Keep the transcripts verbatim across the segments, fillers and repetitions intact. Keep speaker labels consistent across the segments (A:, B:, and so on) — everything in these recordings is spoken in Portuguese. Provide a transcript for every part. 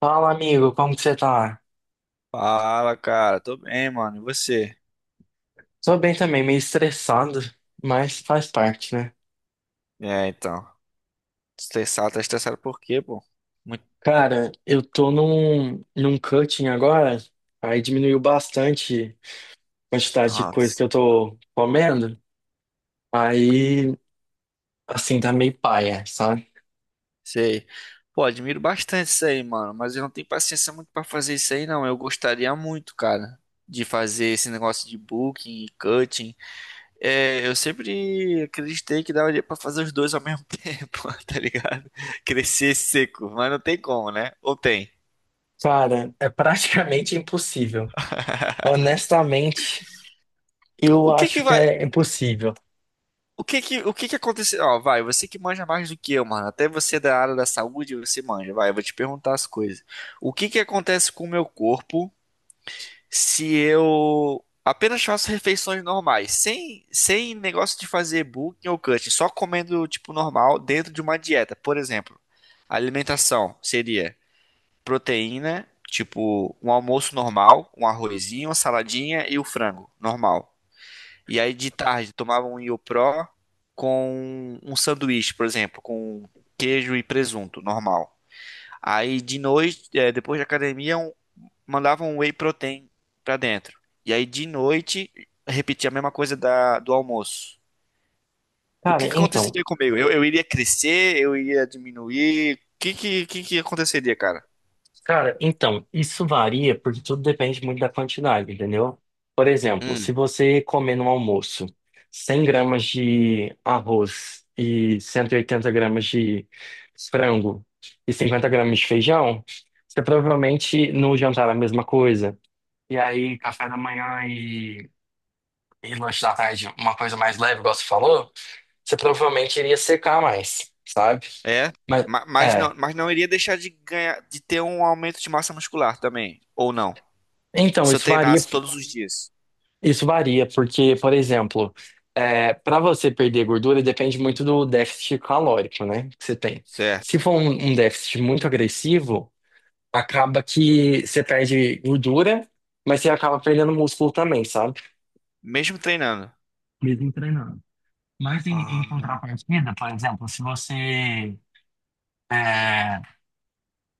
A: Fala, amigo, como que você tá?
B: Fala, cara. Tô bem, mano. E você?
A: Tô bem também, meio estressado, mas faz parte, né?
B: É, então. Estressado, tá estressado por quê, pô? Muito.
A: Cara, eu tô num, num cutting agora, aí diminuiu bastante a quantidade de coisa que
B: Nossa.
A: eu tô comendo, aí, assim, tá meio paia, sabe?
B: Sei. Pô, admiro bastante isso aí, mano. Mas eu não tenho paciência muito pra fazer isso aí, não. Eu gostaria muito, cara, de fazer esse negócio de booking e cutting. É, eu sempre acreditei que daria pra fazer os dois ao mesmo tempo, tá ligado? Crescer seco. Mas não tem como, né? Ou tem?
A: Cara, é praticamente impossível. Honestamente, eu
B: O que que
A: acho que
B: vai.
A: é impossível.
B: O que que, o que que aconteceu? Ó, vai, você que manja mais do que eu, mano. Até você da área da saúde, você manja. Vai, eu vou te perguntar as coisas. O que que acontece com o meu corpo se eu apenas faço refeições normais, sem, sem negócio de fazer bulking ou cutting, só comendo tipo normal dentro de uma dieta? Por exemplo, a alimentação seria proteína, tipo um almoço normal, um arrozinho, uma saladinha e o frango normal. E aí de tarde tomava um Iopro com um sanduíche, por exemplo, com queijo e presunto, normal. Aí de noite, eh, depois da academia, um- mandava um whey protein pra dentro. E aí de noite, repetia a mesma coisa da, do almoço. O que
A: Cara,
B: que
A: então,
B: aconteceria comigo? Eu, eu iria crescer, eu iria diminuir. O que que, que que aconteceria, cara?
A: Cara, então, isso varia porque tudo depende muito da quantidade, entendeu? Por exemplo, se
B: Hum,
A: você comer no almoço cem gramas de arroz e cento e oitenta gramas de frango e cinquenta gramas de feijão, você provavelmente no jantar é a mesma coisa. E aí, café da manhã e, e lanche da tarde, uma coisa mais leve, igual você falou, você provavelmente iria secar mais, sabe?
B: é.
A: Mas,
B: Ma- Mas
A: é.
B: não, mas não iria deixar de ganhar, de ter um aumento de massa muscular também, ou não?
A: Então,
B: Se eu
A: isso varia
B: treinasse todos os dias.
A: Isso varia, porque, por exemplo, para você perder gordura depende muito do déficit calórico, né, que você tem. Se
B: Certo.
A: for um, um déficit muito agressivo, acaba que você perde gordura, mas você acaba perdendo músculo também, sabe?
B: Mesmo treinando.
A: Mesmo treinando. Mas em, em
B: Ah,
A: contrapartida, por exemplo, se você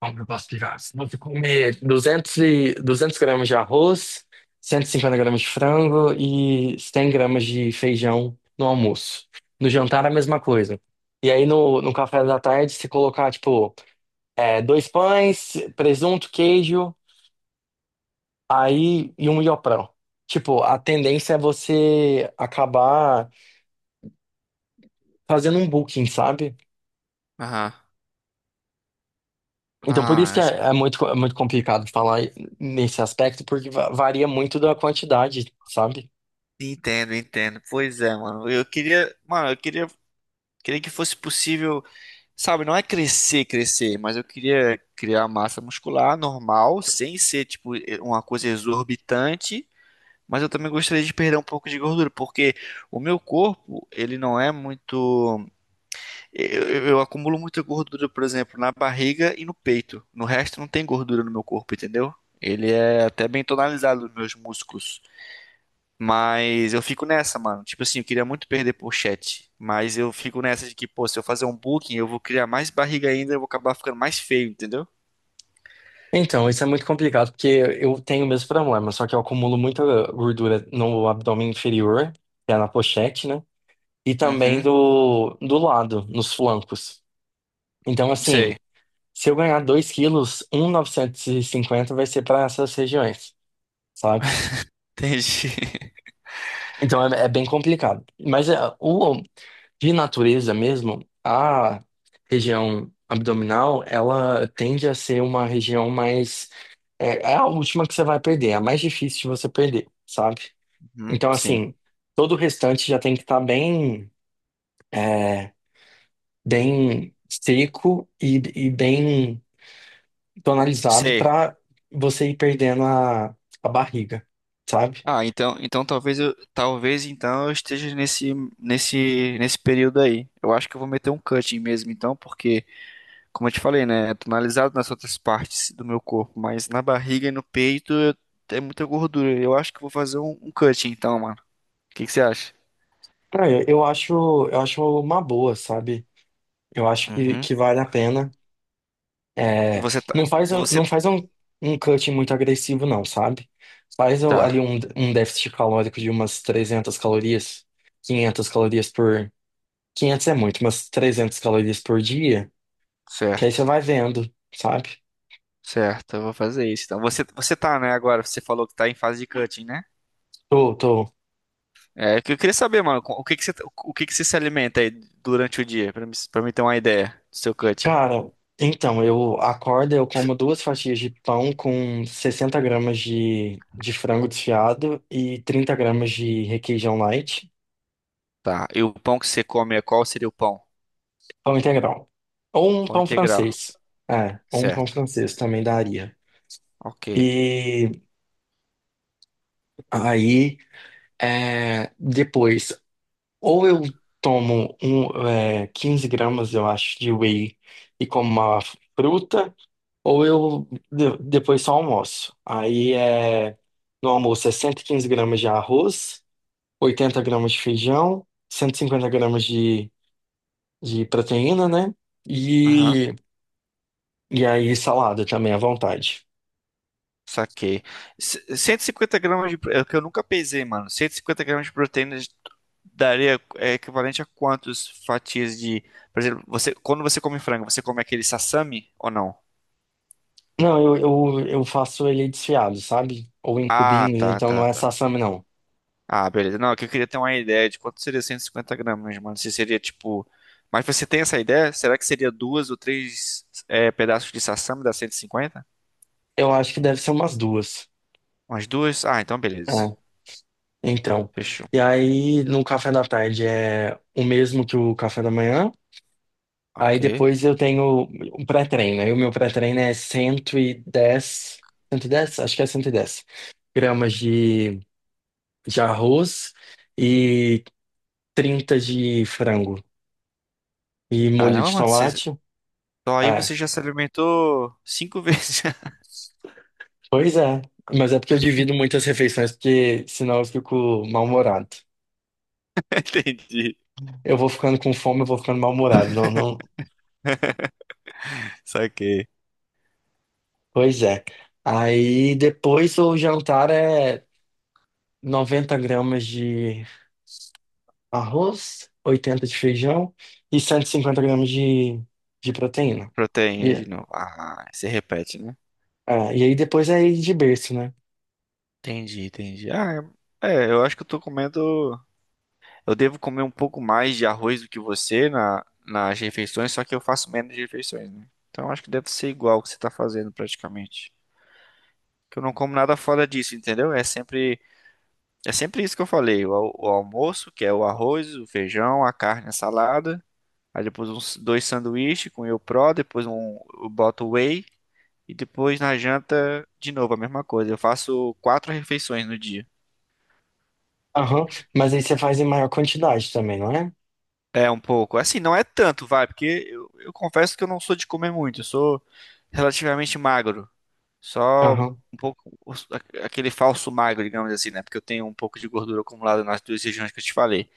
A: como eu posso explicar? Você pode comer duzentas, e, duzentas gramas de arroz, cento e cinquenta gramas de frango e cem gramas de feijão no almoço. No jantar, a mesma coisa. E aí, no, no café da tarde, você colocar, tipo, é, dois pães, presunto, queijo, aí e um ioprão. Tipo, a tendência é você acabar fazendo um booking, sabe?
B: aham.
A: Então, por isso
B: Ah,
A: que
B: acho
A: é, é muito, é muito complicado falar nesse aspecto, porque va- varia muito da quantidade, sabe?
B: que entendo, entendo. Pois é, mano. Eu queria, mano, eu queria, queria que fosse possível, sabe, não é crescer, crescer, mas eu queria criar massa muscular normal, sem ser tipo e- uma coisa exorbitante, mas eu também gostaria de perder um pouco de gordura, porque o meu corpo, ele não é muito. Eu, eu- eu acumulo muita gordura, por exemplo, na barriga e no peito. No resto não tem gordura no meu corpo, entendeu? Ele é até bem tonalizado nos meus músculos. Mas eu fico nessa, mano. Tipo assim, eu queria muito perder pochete. Mas eu fico nessa de que, pô, se eu fazer um booking, eu vou criar mais barriga ainda, eu vou acabar ficando mais feio, entendeu?
A: Então, isso é muito complicado, porque eu tenho o mesmo problema, só que eu acumulo muita gordura no abdômen inferior, que é na pochete, né? E também
B: Uhum,
A: do, do lado, nos flancos. Então,
B: sei.
A: assim, se eu ganhar dois quilos, um vírgula novecentos e cinquenta vai ser para essas regiões, sabe?
B: Entendi.
A: Então é, é bem complicado. Mas é, o, de natureza mesmo, a região abdominal, ela tende a ser uma região mais. É, é a última que você vai perder, é a mais difícil de você perder, sabe?
B: Uhum,
A: Então,
B: sim.
A: assim, todo o restante já tem que estar bem, é, bem seco e, e bem tonalizado
B: Sei.
A: para você ir perdendo a, a barriga, sabe?
B: Ah, então, então talvez eu, talvez então eu esteja nesse nesse nesse período aí. Eu acho que eu vou meter um cutting mesmo, então, porque, como eu te falei, né? É tonalizado nas outras partes do meu corpo, mas na barriga e no peito eu- é muita gordura. Eu acho que eu vou fazer um, um cut então, mano. O que que você acha?
A: Ah, Eu eu acho, eu acho uma boa, sabe? Eu acho que,
B: Uhum.
A: que vale a pena. É,
B: Você tá.
A: não faz,
B: Você
A: não faz um, um cut muito agressivo, não, sabe? Faz o- ali
B: tá.
A: um, um déficit calórico de umas trezentas calorias, quinhentas calorias por... quinhentas é muito, mas trezentas calorias por dia, que aí
B: Certo.
A: você vai vendo, sabe?
B: Certo, eu vou fazer isso. Então, você, você tá, né, agora? Você falou que tá em fase de cutting, né?
A: Tô, tô.
B: É, o que eu queria saber, mano, o que que você, o que que você se alimenta aí durante o dia, pra mim, pra mim ter uma ideia do seu cutting.
A: Cara, então, eu acordo, eu como duas fatias de pão com sessenta gramas de, de frango desfiado e trinta gramas de requeijão light.
B: Tá, e o pão que você come, é qual seria o pão?
A: Pão integral. Ou um
B: Pão
A: pão
B: integral,
A: francês. É, ou um pão
B: certo.
A: francês também daria.
B: Ok.
A: E aí, é, depois, ou eu tomo um, é, quinze gramas, eu acho, de whey e como uma fruta, ou eu de- depois só almoço. Aí, é, no almoço é cento e quinze gramas de arroz, oitenta gramas de feijão, cento e cinquenta gramas de, de proteína, né?
B: Aham.
A: E, e aí, salada também à vontade.
B: Saquei. C- cento e cinquenta gramas de. pro- É o que eu nunca pesei, mano. Cento e cinquenta gramas de proteína daria é, equivalente a quantas fatias de. Por exemplo, você, quando você come frango, você come aquele sassami ou não?
A: Não, eu, eu, eu faço ele desfiado, sabe? Ou em
B: Ah,
A: cubinhos,
B: tá,
A: então não
B: tá,
A: é
B: tá.
A: sassami, não.
B: Ah, beleza. Não, é que eu queria ter uma ideia de quanto seria cento e cinquenta gramas, mano. Se seria tipo. Mas você tem essa ideia? Será que seria duas ou três é, pedaços de sassami da cento e cinquenta.
A: Eu acho que deve ser umas duas.
B: Umas duas? Ah, então beleza.
A: É, então.
B: Fechou.
A: E aí, no café da tarde é o mesmo que o café da manhã. Aí
B: Ok.
A: depois eu tenho um pré-treino. Aí o meu pré-treino é cento cento e dez, cento e dez, acho que é cento e dez gramas de, de arroz e trinta de frango e molho
B: Caramba,
A: de
B: mano, você.
A: tomate.
B: Então aí você
A: É.
B: já se alimentou cinco vezes.
A: Pois é, mas é porque eu divido muitas refeições, porque senão eu fico mal-humorado.
B: Entendi.
A: Eu vou ficando com fome, eu vou ficando mal-humorado. Não, não...
B: Saquei.
A: Pois é. Aí depois o jantar é noventa gramas de arroz, oitenta de feijão e cento e cinquenta gramas de, de proteína.
B: Proteína de
A: E,
B: novo. Ah, você repete, né?
A: é, e aí depois é ir de berço, né?
B: Entendi, entendi. Ah, é, é, eu acho que eu tô comendo. Eu devo comer um pouco mais de arroz do que você na, nas refeições, só que eu faço menos refeições, né? Então eu acho que deve ser igual o que você tá fazendo praticamente. Que eu não como nada fora disso, entendeu? É sempre, é sempre isso que eu falei. O, al- o almoço, que é o arroz, o feijão, a carne, a salada. Aí depois uns dois sanduíches com Whey Pro, depois um, eu boto whey e depois na janta de novo a mesma coisa. Eu faço quatro refeições no dia.
A: Aham, mas aí você faz em maior quantidade também, não é?
B: É um pouco. Assim, não é tanto, vai, porque eu, eu confesso que eu não sou de comer muito, eu sou relativamente magro. Só
A: Aham,
B: um pouco os- a- aquele falso magro, digamos assim, né? Porque eu tenho um pouco de gordura acumulada nas duas regiões que eu te falei.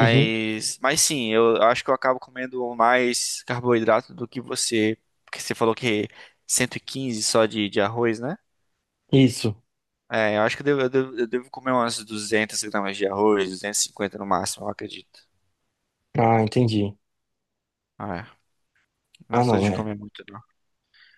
A: uhum,
B: mas sim, eu, eu acho que eu acabo comendo mais carboidrato do que você, porque você falou que cento e quinze só de, de arroz, né?
A: isso.
B: É, eu acho que eu devo, eu devo, eu devo comer umas duzentas gramas de arroz, duzentas e cinquenta no máximo, eu acredito.
A: Ah, entendi.
B: Ah, é. Não
A: Ah,
B: sou
A: não,
B: de
A: é.
B: comer muito, não.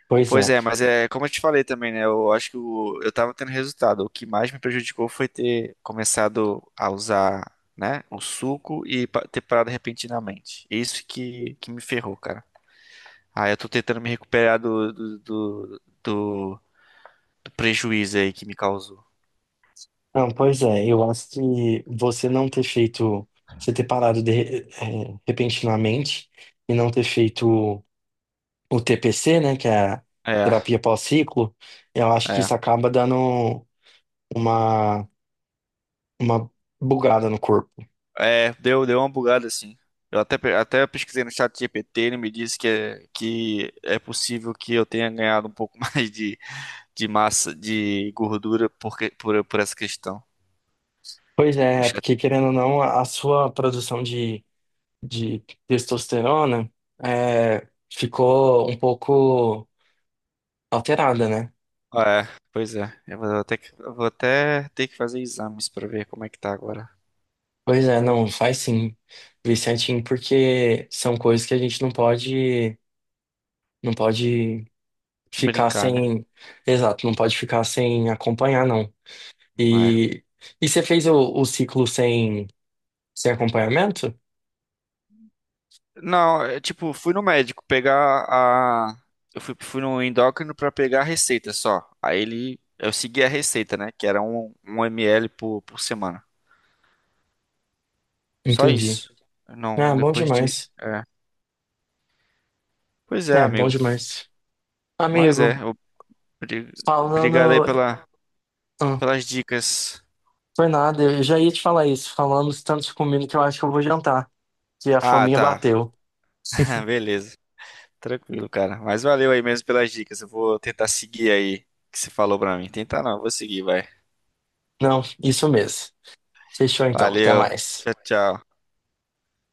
A: Pois
B: Pois
A: é.
B: é, mas é como eu te falei também, né? Eu acho que o- eu tava tendo resultado. O que mais me prejudicou foi ter começado a usar, né, o suco e pa- ter parado repentinamente. Isso que, que me ferrou, cara. Ah, eu tô tentando me recuperar do, do, do, do- do prejuízo aí que me causou.
A: Não, pois é, eu acho que você não ter feito, você ter parado de- eh, eh, repentinamente e não ter feito o T P C, né, que é a
B: É,
A: terapia pós-ciclo, eu acho que
B: é.
A: isso acaba dando uma, uma bugada no corpo.
B: É, deu, deu uma bugada assim. Eu até, pe- até pesquisei no chat G P T, ele me disse que é, que é possível que eu tenha ganhado um pouco mais de, de massa, de gordura por, que- por, por essa questão.
A: Pois
B: O
A: é,
B: chat-
A: porque querendo ou não, a a sua produção de, de testosterona eh, ficou um pouco alterada, né?
B: Ah, é, pois é. Eu vou até, que- eu vou até ter que fazer exames pra ver como é que tá agora.
A: Pois é, não, faz sim, vê certinho, porque são coisas que a gente não pode, não pode ficar
B: Brincar, né?
A: sem, exato, não pode ficar sem acompanhar, não. E, e você fez o, o ciclo sem, sem acompanhamento?
B: Não, é tipo, fui no médico pegar a. Eu fui, fui no endócrino pra pegar a receita só. Aí ele. Eu segui a receita, né? Que era um, um ml por, por semana. Só
A: Entendi.
B: isso.
A: Ah,
B: Não,
A: bom
B: depois de.
A: demais.
B: É. Pois é,
A: É, bom
B: amigo.
A: demais.
B: Mas é.
A: Amigo,
B: obri- Obrigado aí
A: falando,
B: pela,
A: ah,
B: pelas dicas.
A: foi nada, eu já ia te falar isso, falamos tanto de comida que eu acho que eu vou jantar, que a
B: Ah,
A: fominha
B: tá.
A: bateu.
B: Beleza. Tranquilo, cara. Mas valeu aí mesmo pelas dicas. Eu vou tentar seguir aí o que você falou pra mim. Tentar não, eu vou seguir, vai.
A: Não, isso mesmo. Fechou então, até
B: Valeu.
A: mais.
B: Tchau, tchau.